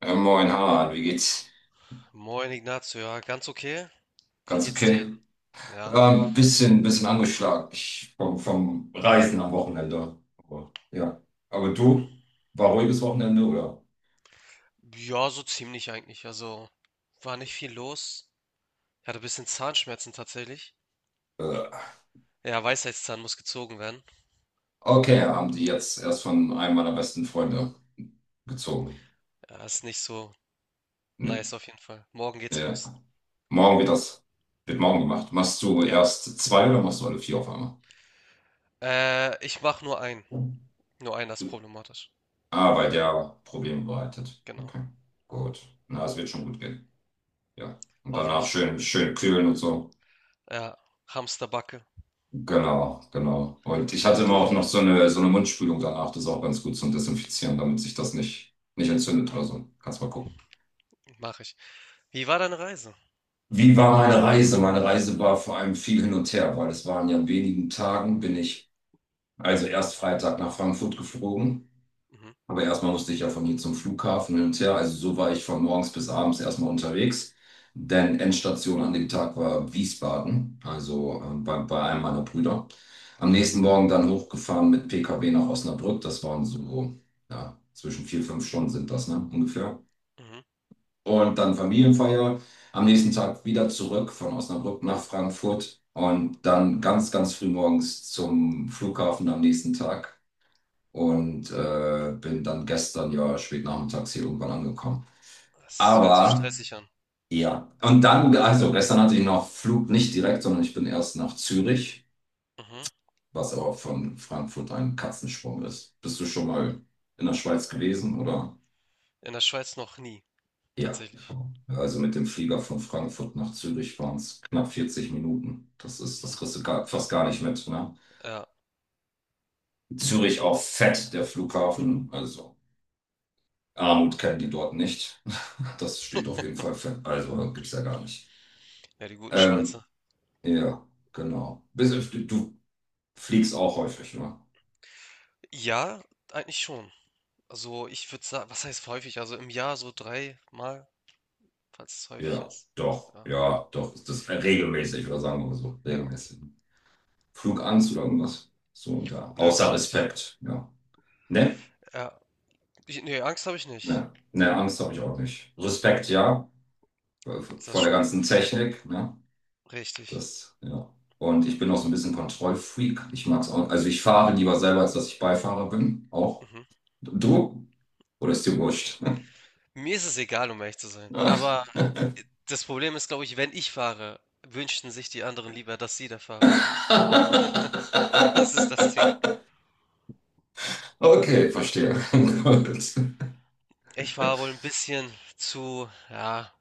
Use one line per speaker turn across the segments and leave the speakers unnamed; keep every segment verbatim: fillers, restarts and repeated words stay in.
Äh, moin, Harald, wie geht's?
Moin Ignazio, ja, ganz okay. Wie
Ganz
geht's dir?
okay.
Ja,
Ähm, bisschen, bisschen angeschlagen ich, vom, vom Reisen am Wochenende. Aber, ja. Aber du, war ruhiges Wochenende, oder?
ja, so ziemlich eigentlich. Also war nicht viel los. Ich hatte ein bisschen Zahnschmerzen tatsächlich.
Äh,
Ja, Weisheitszahn muss gezogen werden.
okay, haben die jetzt erst von einem meiner besten Freunde gezogen.
Ja, ist nicht so
Ne,
nice auf jeden Fall. Morgen geht's los.
ja. Morgen wird das, wird morgen gemacht. Machst du
Ja,
erst zwei oder machst du alle vier auf einmal?
äh, ich mach nur einen. Nur einen, das ist
Du,
problematisch.
ah, weil der Probleme bereitet.
Genau,
Okay, gut. Na, es wird schon gut gehen. Ja. Und danach
hoffentlich.
schön, schön kühlen und so.
Ja, Hamsterbacke.
Genau, genau. Und ich hatte immer
Du,
auch noch so eine, so eine Mundspülung danach, das ist auch ganz gut zum Desinfizieren, damit sich das nicht, nicht entzündet oder so. Kannst mal gucken.
mach ich. Wie war deine Reise?
Wie war meine Reise? Meine Reise war vor allem viel hin und her, weil es waren ja in wenigen Tagen, bin ich also erst Freitag nach Frankfurt geflogen.
Mhm,
Aber erstmal musste ich ja von hier zum Flughafen hin und her. Also so war ich von morgens bis abends erstmal unterwegs. Denn Endstation an dem Tag war Wiesbaden, also äh, bei, bei einem meiner Brüder. Am nächsten Morgen dann hochgefahren mit P K W nach Osnabrück. Das waren so, ja, zwischen vier, fünf Stunden sind das, ne, ungefähr.
mhm.
Und dann Familienfeier. Am nächsten Tag wieder zurück von Osnabrück nach Frankfurt. Und dann ganz, ganz früh morgens zum Flughafen am nächsten Tag und äh, bin dann gestern ja spät nachmittags hier irgendwann angekommen.
Es hört sich
Aber
stressig an.
ja, und dann, also gestern hatte ich noch Flug nicht direkt, sondern ich bin erst nach Zürich,
Mhm.
was aber von Frankfurt ein Katzensprung ist. Bist du schon mal in der Schweiz gewesen oder?
In der Schweiz noch nie,
Ja,
tatsächlich.
also mit dem Flieger von Frankfurt nach Zürich waren es knapp vierzig Minuten. Das ist, das
Mhm.
kriegst du gar, fast gar nicht mit, ne?
Ja.
Zürich auch fett, der Flughafen, also. Armut kennen die dort nicht. Das steht auf jeden Fall fest. Also gibt es ja gar nicht.
Ja, die guten
Ähm,
Schweizer.
ja, genau. Bis, du fliegst auch häufig, ne?
Ja, eigentlich schon. Also ich würde sagen, was heißt häufig? Also im Jahr so dreimal, falls es häufig
Ja,
ist.
doch.
Ja.
Ja, doch. Das ist regelmäßig, oder sagen wir mal so.
Ja.
Regelmäßig. Flugangst oder irgendwas. So und da.
Nö,
Außer
gar nicht.
Respekt, ja. Ne?
Ja. Ich, nee, Angst habe ich nicht.
Ne, ne, Angst habe ich auch nicht. Respekt, ja.
Ist das
Vor der
schon?
ganzen Technik, ne?
Richtig.
Das, ja. Und ich bin auch so ein bisschen Kontrollfreak. Ich mag es auch. Also ich fahre lieber selber, als dass ich Beifahrer bin. Auch.
Mhm.
Du? Oder ist dir wurscht?
Mir ist es egal, um ehrlich zu sein. Aber das Problem ist, glaube ich, wenn ich fahre, wünschten sich die anderen lieber, dass sie der Fahrer sind. Das ist das Ding.
Okay, verstehe. Gut.
Ich fahre wohl ein bisschen zu, ja,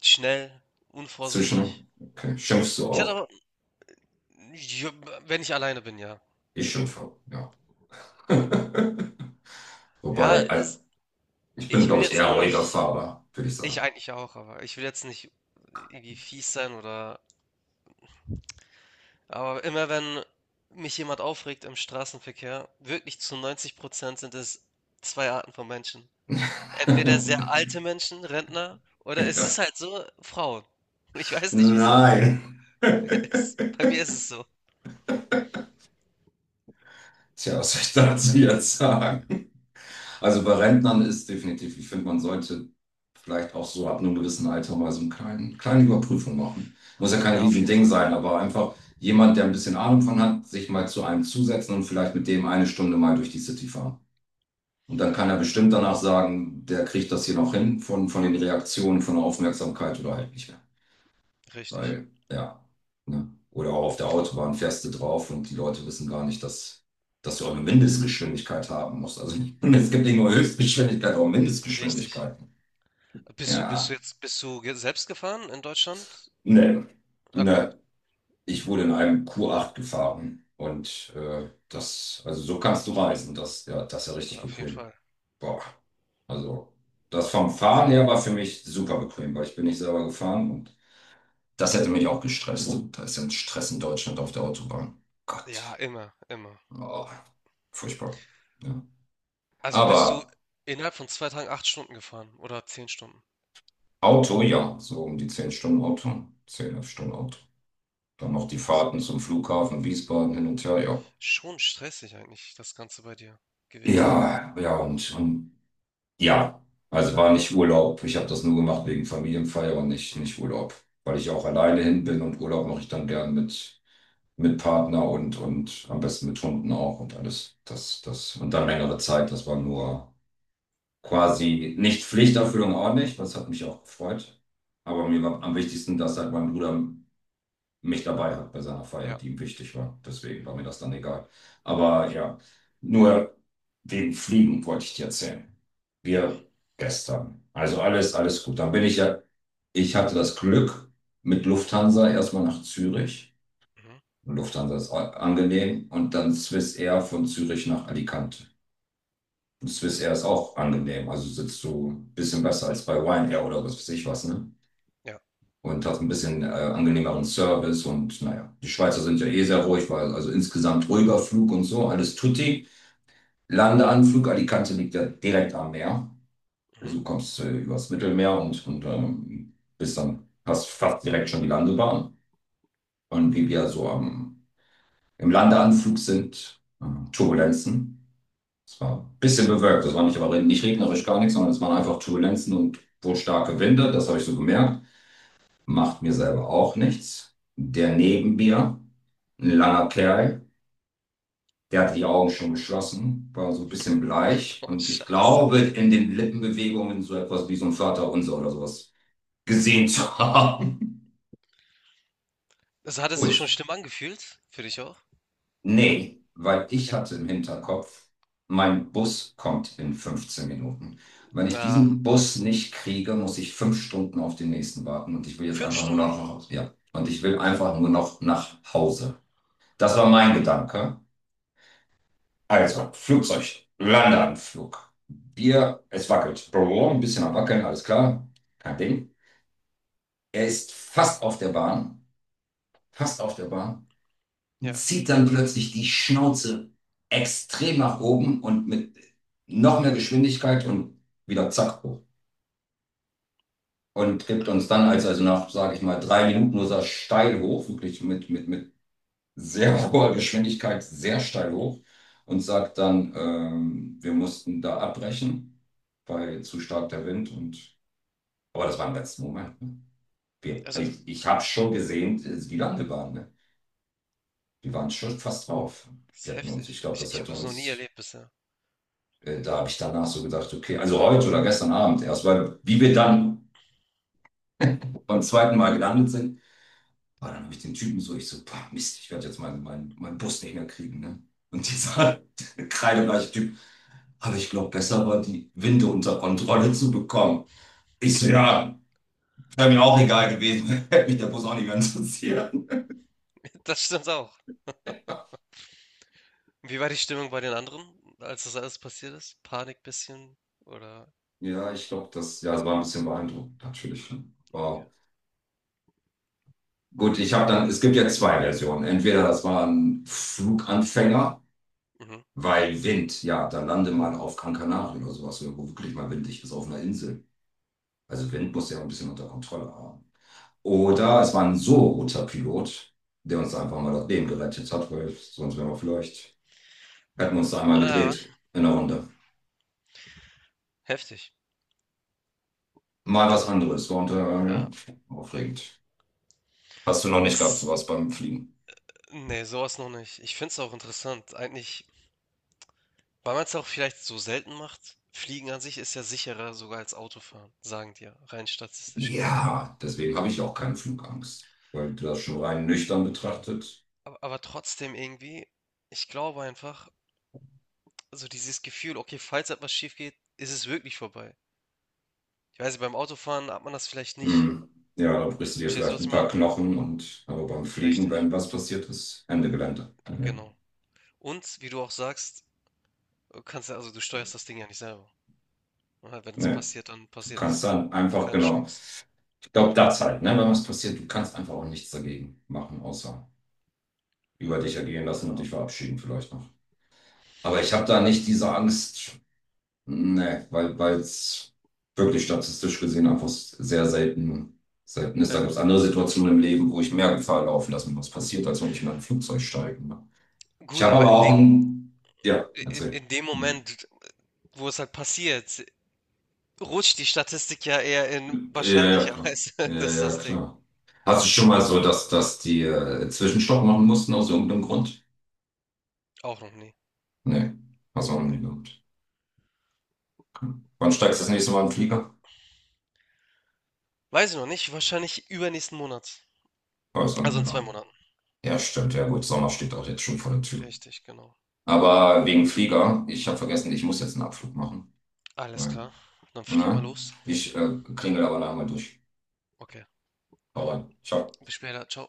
schnell, unvorsichtig.
Zwischen, okay. Schimpfst du
Ich hatte
auch?
aber, ja, wenn ich alleine bin, ja.
Ich schimpfe, ja.
Ja,
Wobei, al-
ist
ich bin,
ich will
glaube ich,
jetzt
eher
auch
ruhiger
nicht
Fahrer, würde ich
ich
sagen.
eigentlich auch, aber ich will jetzt nicht irgendwie fies sein. Oder aber immer wenn mich jemand aufregt im Straßenverkehr, wirklich zu neunzig Prozent sind es zwei Arten von Menschen. Entweder sehr alte Menschen, Rentner, oder es
Ja.
ist halt so, Frauen. Ich weiß nicht wieso.
Nein.
Es, bei mir ist es so.
Tja, was soll ich dazu jetzt sagen? Also bei Rentnern ist definitiv, ich finde, man sollte vielleicht auch so ab einem gewissen Alter mal so eine kleinen, kleine Überprüfung machen. Muss ja kein
Ja, auf jeden
Riesending
Fall.
sein, aber einfach jemand, der ein bisschen Ahnung von hat, sich mal zu einem zusetzen und vielleicht mit dem eine Stunde mal durch die City fahren. Und dann kann er bestimmt danach sagen, der kriegt das hier noch hin von, von den Reaktionen, von der Aufmerksamkeit oder halt nicht mehr.
Richtig.
Weil, ja, ne? Oder auch auf der Autobahn fährst du drauf und die Leute wissen gar nicht, dass, dass du auch eine Mindestgeschwindigkeit haben musst. Also es gibt nicht nur Höchstgeschwindigkeit, auch
Richtig.
Mindestgeschwindigkeiten.
Bist du, bist du
Ja,
jetzt, bist du ge- selbst gefahren in Deutschland?
ne,
Okay,
ne. Ich wurde in einem Q acht gefahren und äh, das, also so kannst du reisen. Das, ja, das ist ja richtig
auf jeden
bequem.
Fall.
Boah, also das vom
Also,
Fahren her war für mich super bequem, weil ich bin nicht selber gefahren und das hätte mich auch gestresst. Da ist ja ein Stress in Deutschland auf der Autobahn.
ja,
Gott.
immer, immer.
Oh, furchtbar. Ja.
Also bist du
Aber
innerhalb von zwei Tagen acht Stunden gefahren oder zehn Stunden?
Auto, ja, so um die zehn
Okay.
Stunden Auto, zehn, elf Stunden Auto. Dann noch die
Was-
Fahrten zum Flughafen, Wiesbaden hin und her, ja.
Schon stressig eigentlich das Ganze bei dir gewesen.
Ja, ja, und, und ja, also war nicht Urlaub. Ich habe das nur gemacht wegen Familienfeier und nicht,
Mhm.
nicht Urlaub, weil ich auch alleine hin bin und Urlaub mache ich dann gern mit, mit Partner und, und am besten mit Hunden auch und alles. Das, das, und dann längere Zeit, das war nur. Quasi nicht Pflichterfüllung ordentlich, das hat mich auch gefreut. Aber mir war am wichtigsten, dass halt mein Bruder mich dabei hat bei seiner Feier,
Ja.
die ihm wichtig war. Deswegen war mir das dann egal.
Und
Aber ja, nur wegen Fliegen wollte ich dir erzählen.
ja.
Wir gestern. Also alles, alles gut. Dann bin ich ja, ich hatte das Glück mit Lufthansa erstmal nach Zürich.
Mhm.
Lufthansa ist a- angenehm und dann Swissair von Zürich nach Alicante. Swiss Air ist auch angenehm. Also sitzt du ein bisschen besser als bei Ryanair oder was weiß ich was, ne?
Ja.
Und hast ein bisschen äh, angenehmeren Service und naja, die Schweizer sind ja eh sehr ruhig, weil also insgesamt ruhiger Flug und so, alles tutti. Landeanflug, Alicante liegt ja direkt am Meer.
Mhm.
Also du kommst äh, übers Mittelmeer und, und ähm, bist dann fast, fast direkt schon die Landebahn. Und wie wir so am, im Landeanflug sind, äh, Turbulenzen. Es war ein bisschen bewölkt, es war nicht, aber nicht regnerisch, gar nichts, sondern es waren einfach Turbulenzen und wohl starke Winde, das habe ich so gemerkt. Macht mir selber auch nichts. Der neben mir, ein langer Kerl, der hatte die Augen schon geschlossen, war so ein bisschen bleich
Oh,
und ich
Scheiße.
glaube, in den Lippenbewegungen so etwas wie so ein Vaterunser oder sowas gesehen zu haben.
Also hat es sich
Gut,
schon schlimm angefühlt? Für dich auch?
nee, weil ich
Okay.
hatte im Hinterkopf, mein Bus kommt in fünfzehn Minuten. Wenn ich
Ah,
diesen Bus nicht kriege, muss ich fünf Stunden auf den nächsten warten und ich will jetzt
fünf
einfach nur
Stunden.
noch nach Hause. Ja, und ich will einfach
Boah.
nur noch nach Hause. Das war mein Gedanke. Also, Flugzeug, Landeanflug. Bier, es wackelt. Brrr, ein bisschen am Wackeln, alles klar. Kein Ding. Er ist fast auf der Bahn. Fast auf der Bahn. Und
Ja.
zieht dann plötzlich die Schnauze extrem nach oben und mit noch mehr Geschwindigkeit und wieder zack hoch. Und gibt uns dann, als also nach, sage ich mal, drei Minuten nur so steil hoch, wirklich mit, mit, mit sehr hoher Geschwindigkeit, sehr steil hoch und sagt dann, ähm, wir mussten da abbrechen, weil zu stark der Wind und, aber das war im letzten Moment. Ne? Wir,
Also, das
ich ich habe schon gesehen, äh, wie lange wir waren. Ne? Die waren schon fast drauf. Wir
ist
hätten uns, ich
heftig.
glaube,
Ich,
das
ich habe
hätte
das noch nie
uns
erlebt bisher.
äh, da habe ich danach so gedacht, okay, also heute oder gestern Abend erst, weil wie wir dann beim zweiten Mal gelandet sind, war dann habe ich den Typen so, ich so, boah, Mist, ich werde jetzt meinen mein, mein Bus nicht mehr kriegen. Ne? Und
Mhm.
dieser kreidebleiche Typ, aber ich glaube, besser war die Winde unter Kontrolle zu bekommen. Ich so, ja, wäre mir auch egal gewesen, hätte mich der Bus auch nicht mehr interessiert.
Das stimmt auch. Wie war die Stimmung bei den anderen, als das alles passiert ist? Panik bisschen? Oder?
Ja, ich glaube, das, ja, das war ein bisschen beeindruckend, natürlich, ne?
Okay.
Wow. Gut, ich habe dann, es gibt ja zwei Versionen. Entweder das war ein Fluganfänger,
Mhm.
weil Wind, ja, dann lande mal auf Gran Canaria oder sowas, wo wirklich mal windig ist auf einer Insel. Also Wind muss ja auch ein bisschen unter Kontrolle haben. Oder es war ein so guter Pilot, der uns einfach mal das Leben gerettet hat, weil sonst wären wir vielleicht, hätten wir uns da einmal
Ah,
gedreht in der Runde.
heftig.
Mal was anderes. War unter, ja,
Ja,
aufregend. Hast du noch nicht gehabt,
ist,
sowas beim Fliegen?
nee, sowas noch nicht. Ich finde es auch interessant. Eigentlich, weil man es auch vielleicht so selten macht, Fliegen an sich ist ja sicherer sogar als Autofahren, sagen die ja, rein statistisch gesehen.
Ja, deswegen habe ich auch keine Flugangst. Weil du das schon rein nüchtern betrachtet,
Aber, aber trotzdem irgendwie, ich glaube einfach, so dieses Gefühl, okay, falls etwas schief geht, ist es wirklich vorbei. Ich weiß nicht, beim Autofahren hat man das vielleicht nicht.
hm. Ja, da brichst du dir
Verstehst du,
vielleicht
was
ein
ich
paar
meine?
Knochen und aber beim Fliegen, wenn
Richtig,
was passiert ist, Ende Gelände. Ja.
genau. Und wie du auch sagst, du kannst ja, also du steuerst das Ding ja nicht selber. Ja, wenn es
Nee.
passiert, dann
Du
passiert
kannst
es.
dann einfach,
Keine
genau.
Chance.
Ich glaube, das halt, ne, wenn was passiert, du kannst einfach auch nichts dagegen machen, außer über dich ergehen lassen und
Ja,
dich verabschieden vielleicht noch. Aber ich habe da nicht diese Angst, ne, weil weil es wirklich statistisch gesehen einfach sehr selten, selten ist. Da gibt
ja.
es andere Situationen im Leben, wo ich mehr Gefahr laufen lasse, was passiert, als wenn ich in ein Flugzeug steige, ne. Ich
Gut,
habe
aber
aber
in
auch
dem,
ein. Ja,
in,
erzähl.
in dem
Hm.
Moment, wo es halt passiert, rutscht die Statistik ja eher in
Ja, ja, klar.
wahrscheinlicherweise.
Ja,
Das ist
ja,
das Ding.
klar. Hast du schon mal so, dass, dass die äh, Zwischenstopp machen mussten aus irgendeinem Grund?
Auch noch nie.
Nee, hast du auch noch nie
Nee.
gehabt. Okay. Wann steigst du das nächste Mal in den Flieger?
Weiß ich noch nicht. Wahrscheinlich übernächsten Monat.
Oh, ist auch nicht
Also
mehr
in zwei
lang.
Monaten.
Ja, stimmt. Ja gut, Sommer steht auch jetzt schon vor der Tür.
Richtig, genau.
Aber wegen Flieger, ich habe vergessen, ich muss jetzt einen Abflug machen.
Alles
Weil,
klar. Dann flieg mal
ne?
los.
Ich äh, klingel aber nachher mal durch.
Okay.
Hau rein. Ciao.
Bis später. Ciao.